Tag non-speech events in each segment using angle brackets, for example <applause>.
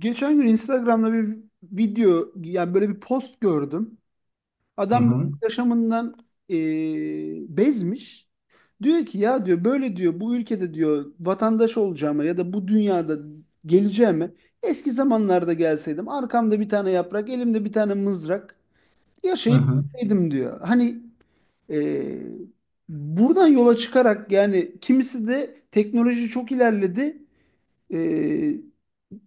Geçen gün Instagram'da bir video yani böyle bir post gördüm. Hı Adam böyle hı. yaşamından bezmiş. Diyor ki ya diyor böyle diyor bu ülkede diyor vatandaş olacağıma ya da bu dünyada geleceğime eski zamanlarda gelseydim arkamda bir tane yaprak elimde bir tane mızrak Hı yaşayıp hı. gitseydim diyor. Hani eee, buradan yola çıkarak yani kimisi de teknoloji çok ilerledi. Ee,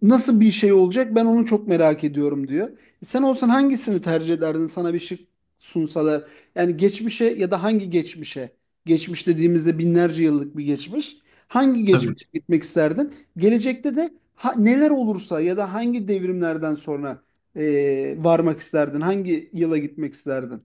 nasıl bir şey olacak ben onu çok merak ediyorum diyor. Sen olsan hangisini tercih ederdin sana bir şık sunsalar? Yani geçmişe ya da hangi geçmişe? Geçmiş dediğimizde binlerce yıllık bir geçmiş. Hangi Tabii. geçmişe gitmek isterdin? Gelecekte de neler olursa ya da hangi devrimlerden sonra varmak isterdin? Hangi yıla gitmek isterdin?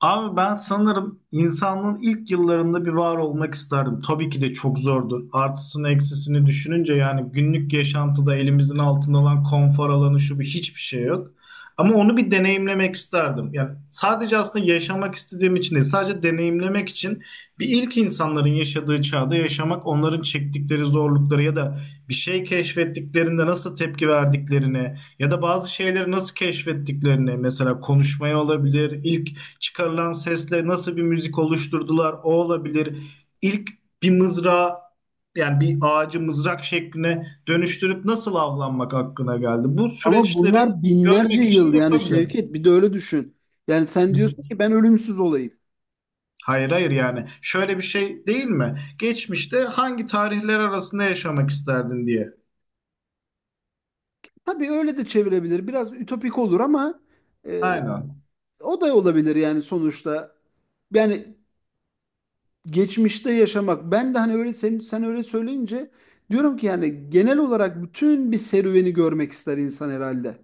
Abi ben sanırım insanlığın ilk yıllarında bir var olmak isterdim. Tabii ki de çok zordu. Artısını eksisini düşününce yani günlük yaşantıda elimizin altında olan konfor alanı şu bir hiçbir şey yok. Ama onu bir deneyimlemek isterdim. Yani sadece aslında yaşamak istediğim için değil, sadece deneyimlemek için bir ilk insanların yaşadığı çağda yaşamak, onların çektikleri zorlukları ya da bir şey keşfettiklerinde nasıl tepki verdiklerini ya da bazı şeyleri nasıl keşfettiklerini mesela konuşmaya olabilir, ilk çıkarılan sesle nasıl bir müzik oluşturdular o olabilir. İlk bir mızrağı yani bir ağacı mızrak şekline dönüştürüp nasıl avlanmak aklına geldi. Bu Ama süreçleri bunlar binlerce görmek için yıl yani yapabilir. Şevket, bir de öyle düşün. Yani sen Biz, diyorsun ki ben ölümsüz olayım. hayır hayır yani şöyle bir şey değil mi? Geçmişte hangi tarihler arasında yaşamak isterdin diye. Tabii öyle de çevirebilir. Biraz ütopik olur ama e, Aynen. o da olabilir yani sonuçta. Yani geçmişte yaşamak. Ben de hani öyle sen öyle söyleyince diyorum ki yani genel olarak bütün bir serüveni görmek ister insan herhalde.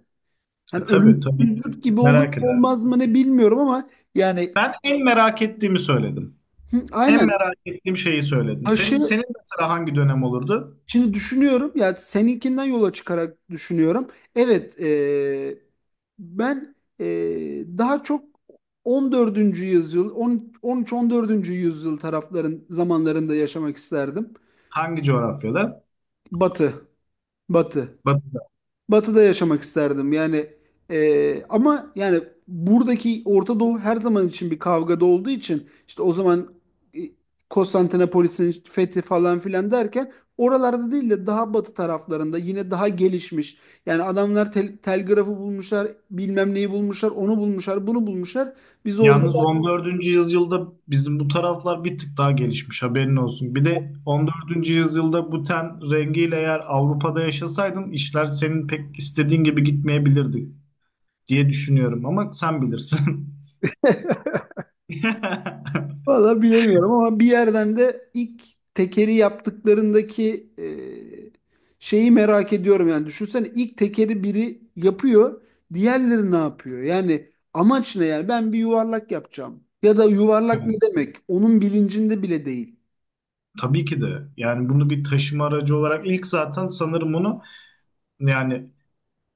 Hani Tabii tabii ki. ölümsüzlük gibi olur mu Merak olmaz edersin. mı ne bilmiyorum ama yani Ben en merak ettiğimi söyledim. hı, En aynen. merak ettiğim şeyi söyledim. Senin Taşı. senin mesela hangi dönem olurdu? Şimdi düşünüyorum ya seninkinden yola çıkarak düşünüyorum. Evet, ben daha çok 14. yüzyıl, 10, 13-14. Yüzyıl tarafların zamanlarında yaşamak isterdim. Hangi coğrafyada? Batı, Batı. Bak, Batı'da yaşamak isterdim. Yani ama yani buradaki Orta Doğu her zaman için bir kavgada olduğu için işte o zaman e, Konstantinopolis'in fethi falan filan derken oralarda değil de daha batı taraflarında yine daha gelişmiş. Yani adamlar telgrafı bulmuşlar, bilmem neyi bulmuşlar, onu bulmuşlar, bunu bulmuşlar. Biz orada. yalnız 14. yüzyılda bizim bu taraflar bir tık daha gelişmiş haberin olsun. Bir de 14. yüzyılda bu ten rengiyle eğer Avrupa'da yaşasaydım işler senin pek istediğin gibi gitmeyebilirdi diye düşünüyorum ama sen bilirsin. <laughs> <laughs> Valla bilemiyorum ama bir yerden de ilk tekeri yaptıklarındaki şeyi merak ediyorum yani. Düşünsene ilk tekeri biri yapıyor, diğerleri ne yapıyor? Yani amaç ne yani? Ben bir yuvarlak yapacağım. Ya da yuvarlak ne Evet. demek? Onun bilincinde bile değil. Tabii ki de. Yani bunu bir taşıma aracı olarak ilk zaten sanırım bunu yani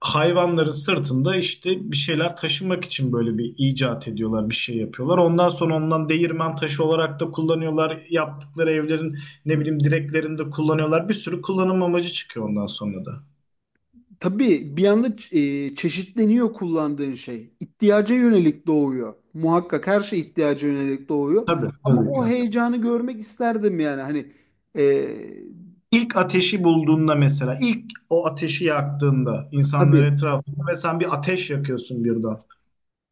hayvanların sırtında işte bir şeyler taşımak için böyle bir icat ediyorlar, bir şey yapıyorlar. Ondan sonra ondan değirmen taşı olarak da kullanıyorlar. Yaptıkları evlerin ne bileyim direklerinde kullanıyorlar. Bir sürü kullanım amacı çıkıyor ondan sonra da. Tabii bir anda çeşitleniyor kullandığın şey. İhtiyaca yönelik doğuyor. Muhakkak her şey ihtiyaca yönelik doğuyor. Tabii, Ama tabii ki. o heyecanı görmek isterdim yani. Hani e, İlk ateşi bulduğunda mesela, ilk o ateşi yaktığında insanlar tabii. etrafında ve sen bir ateş yakıyorsun birden.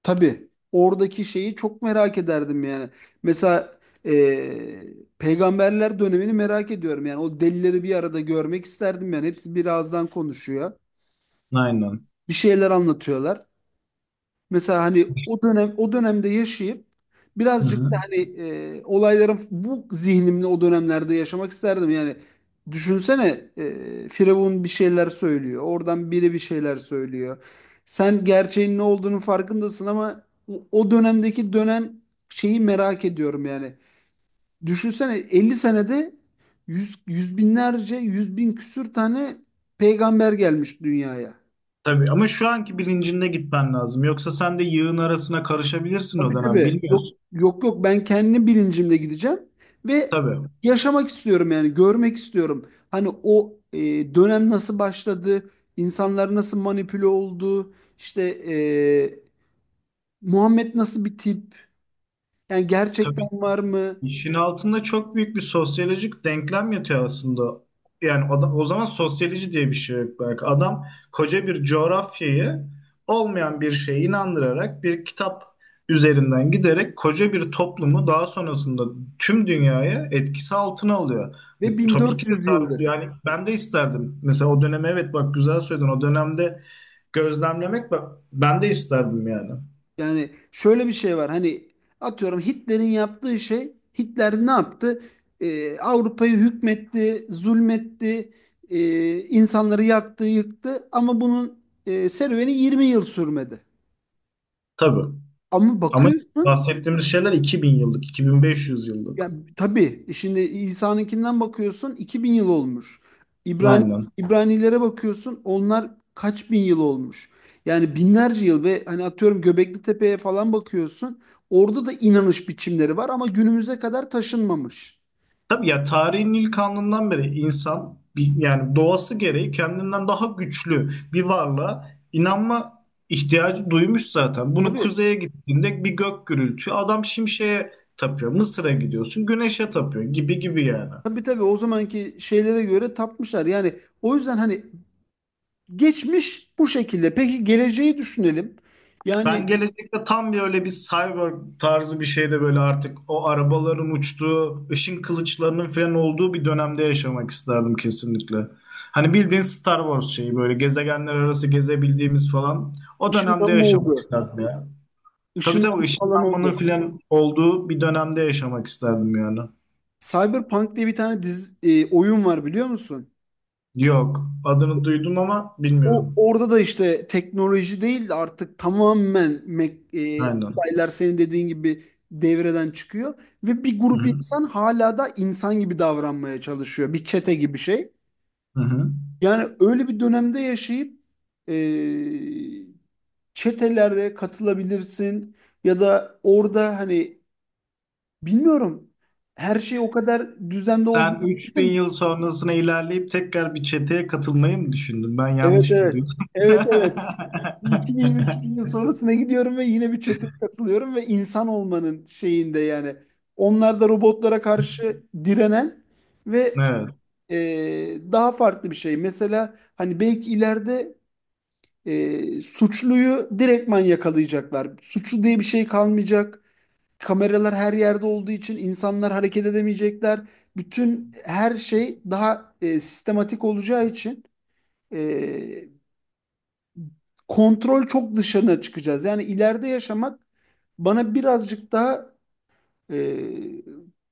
Tabii oradaki şeyi çok merak ederdim yani. Mesela peygamberler dönemini merak ediyorum yani. O delileri bir arada görmek isterdim yani. Hepsi bir ağızdan konuşuyor. Aynen. Bir şeyler anlatıyorlar. Mesela hani o dönemde yaşayıp Hı birazcık da hı. hani olayların bu zihnimle o dönemlerde yaşamak isterdim. Yani düşünsene Firavun bir şeyler söylüyor. Oradan biri bir şeyler söylüyor. Sen gerçeğin ne olduğunu farkındasın ama o dönemdeki dönen şeyi merak ediyorum yani. Düşünsene 50 senede yüz, yüz binlerce, yüz bin küsür tane peygamber gelmiş dünyaya. Tabii ama şu anki bilincinde gitmen lazım. Yoksa sen de yığın arasına karışabilirsin o Tabii, dönem. tabii. Yok, Bilmiyorsun. yok, yok, ben kendi bilincimle gideceğim ve Tabii. yaşamak istiyorum yani görmek istiyorum. Hani o dönem nasıl başladı, insanlar nasıl manipüle oldu, işte e, Muhammed nasıl bir tip, yani gerçekten Tabii. var mı İşin altında çok büyük bir sosyolojik denklem yatıyor aslında. Yani o, o zaman sosyoloji diye bir şey yok belki. Adam koca bir coğrafyayı olmayan bir şeye inandırarak bir kitap üzerinden giderek koca bir toplumu daha sonrasında tüm dünyaya etkisi altına alıyor. Bu, ve tabii ki de 1400 yıldır. yani ben de isterdim. Mesela o döneme evet bak güzel söyledin. O dönemde gözlemlemek ben de isterdim yani. Yani şöyle bir şey var hani atıyorum Hitler'in yaptığı şey. Hitler ne yaptı? Avrupa'yı hükmetti, zulmetti, e, insanları yaktı, yıktı ama bunun serüveni 20 yıl sürmedi. Tabii. Ama Ama bakıyorsun. bahsettiğimiz şeyler 2000 yıllık, 2500 yıllık. Yani tabii, şimdi İsa'nınkinden bakıyorsun 2000 yıl olmuş. İbrani Aynen. İbranilere bakıyorsun, onlar kaç bin yıl olmuş. Yani binlerce yıl ve hani atıyorum Göbekli Tepe'ye falan bakıyorsun. Orada da inanış biçimleri var ama günümüze kadar taşınmamış. Tabii ya tarihin ilk anından beri insan bir, yani doğası gereği kendinden daha güçlü bir varlığa inanma ihtiyacı duymuş zaten. Bunu Tabii, kuzeye gittiğinde bir gök gürültüyor. Adam şimşeye tapıyor. Mısır'a gidiyorsun, güneşe tapıyor gibi gibi yani. tabii, tabii, o zamanki şeylere göre tapmışlar. Yani o yüzden hani geçmiş bu şekilde. Peki geleceği düşünelim. Yani Ben gelecekte tam bir öyle bir cyborg tarzı bir şeyde böyle artık o arabaların uçtuğu, ışın kılıçlarının falan olduğu bir dönemde yaşamak isterdim kesinlikle. Hani bildiğin Star Wars şeyi böyle gezegenler arası gezebildiğimiz falan o dönemde ışınlanma yaşamak oldu. isterdim ya. Tabii Işınlanma tabii falan ışınlanmanın oldu. falan olduğu bir dönemde yaşamak isterdim yani. Cyberpunk diye bir tane dizi, oyun var biliyor musun? Yok adını duydum ama O bilmiyorum. orada da işte teknoloji değil de artık tamamen Aynen. olaylar senin dediğin gibi devreden çıkıyor ve bir Hı grup hı. insan hala da insan gibi davranmaya çalışıyor. Bir çete gibi şey. Hı hı. Yani öyle bir dönemde yaşayıp e, çetelere katılabilirsin ya da orada hani bilmiyorum, her şey o kadar düzende olduğunu Sen 3000 düşündüm. yıl sonrasına ilerleyip tekrar bir çeteye katılmayı mı düşündün? Ben Evet, yanlış mı evet. duydum? <laughs> Evet, evet. 2000, 3000 yıl sonrasına gidiyorum ve yine bir çeteye katılıyorum ve insan olmanın şeyinde yani. Onlar da robotlara karşı direnen ve Evet, e, daha farklı bir şey. Mesela hani belki ileride suçluyu direktman yakalayacaklar. Suçlu diye bir şey kalmayacak. Kameralar her yerde olduğu için insanlar hareket edemeyecekler. Bütün her şey daha sistematik olacağı için e, kontrol çok dışına çıkacağız. Yani ileride yaşamak bana birazcık daha e,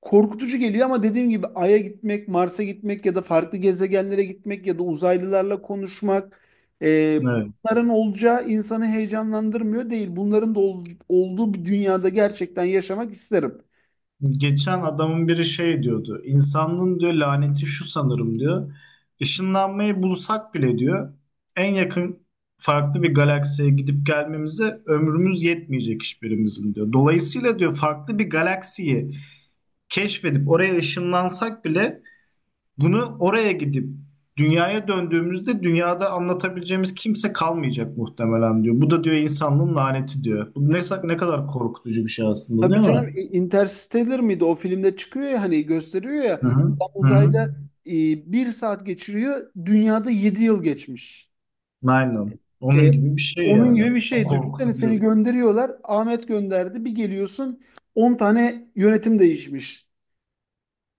korkutucu geliyor ama dediğim gibi Ay'a gitmek, Mars'a gitmek ya da farklı gezegenlere gitmek ya da uzaylılarla konuşmak, e, evet. bunların olacağı insanı heyecanlandırmıyor değil. Bunların da olduğu bir dünyada gerçekten yaşamak isterim. Geçen adamın biri şey diyordu. İnsanlığın diyor laneti şu sanırım diyor. Işınlanmayı bulsak bile diyor en yakın farklı bir galaksiye gidip gelmemize ömrümüz yetmeyecek hiçbirimizin diyor. Dolayısıyla diyor farklı bir galaksiyi keşfedip oraya ışınlansak bile bunu oraya gidip dünyaya döndüğümüzde dünyada anlatabileceğimiz kimse kalmayacak muhtemelen diyor. Bu da diyor insanlığın laneti diyor. Bu ne, ne kadar korkutucu bir şey aslında Tabii değil canım, mi? Interstellar mıydı? O filmde çıkıyor ya hani gösteriyor ya, Hı hı. adam Hı hı. uzayda e, bir saat geçiriyor, dünyada 7 yıl geçmiş. Aynen. Onun E, gibi bir şey onun yani. gibi bir şey. Düşünsene seni Korkutucu. gönderiyorlar. Ahmet gönderdi. Bir geliyorsun 10 tane yönetim değişmiş.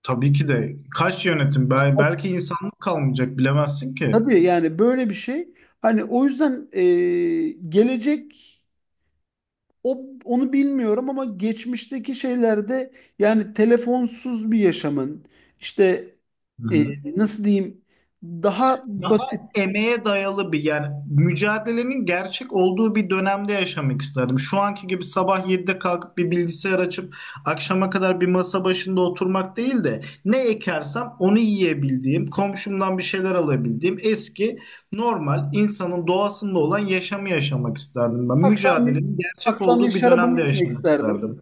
Tabii ki de. Kaç yönetim? Belki insanlık kalmayacak bilemezsin ki. Tabii yani böyle bir şey. Hani o yüzden gelecek, onu bilmiyorum ama geçmişteki şeylerde yani telefonsuz bir yaşamın, işte Hı e, hı. nasıl diyeyim, daha Daha basit. emeğe dayalı bir yani mücadelenin gerçek olduğu bir dönemde yaşamak isterdim. Şu anki gibi sabah 7'de kalkıp bir bilgisayar açıp akşama kadar bir masa başında oturmak değil de ne ekersem onu yiyebildiğim, komşumdan bir şeyler alabildiğim eski normal insanın doğasında olan yaşamı yaşamak isterdim ben. Akşamleyin Mücadelenin gerçek akşamleyin olduğu bir şarabımı dönemde içmek yaşamak isterdim. isterdim.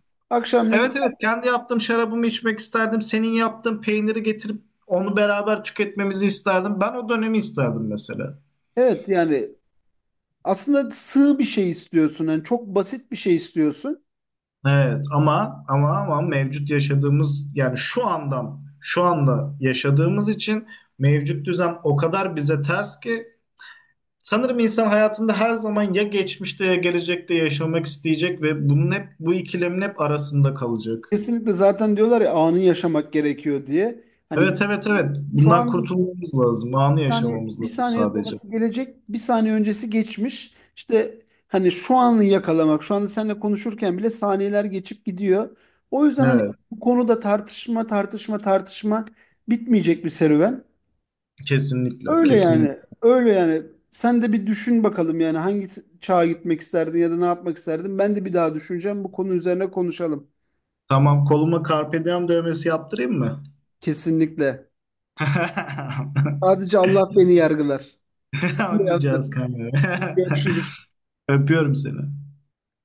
Evet Akşamleyin, evet kendi yaptığım şarabımı içmek isterdim. Senin yaptığın peyniri getirip onu beraber tüketmemizi isterdim. Ben o dönemi isterdim mesela. evet yani. Aslında sığ bir şey istiyorsun. Yani çok basit bir şey istiyorsun. Evet ama mevcut yaşadığımız yani şu andan şu anda yaşadığımız için mevcut düzen o kadar bize ters ki sanırım insan hayatında her zaman ya geçmişte ya gelecekte yaşamak isteyecek ve bunun hep bu ikilemin hep arasında kalacak. Kesinlikle, zaten diyorlar ya anı yaşamak gerekiyor diye. Hani Evet evet evet şu bundan an. kurtulmamız lazım. Anı Yani yaşamamız bir lazım saniye sadece. sonrası gelecek, bir saniye öncesi geçmiş. İşte hani şu anı yakalamak, şu anda seninle konuşurken bile saniyeler geçip gidiyor. O yüzden hani Evet. bu konuda tartışma, tartışma, tartışma bitmeyecek bir serüven. Kesinlikle, Öyle kesinlikle. yani, öyle yani. Sen de bir düşün bakalım yani hangi çağa gitmek isterdin ya da ne yapmak isterdin. Ben de bir daha düşüneceğim. Bu konu üzerine konuşalım. Tamam, koluma Carpe Diem dövmesi yaptırayım mı? Kesinlikle. <laughs> Sadece Allah beni yargılar. Ben de yaptım. Anlayacağız kanka. Görüşürüz. <laughs> Öpüyorum seni.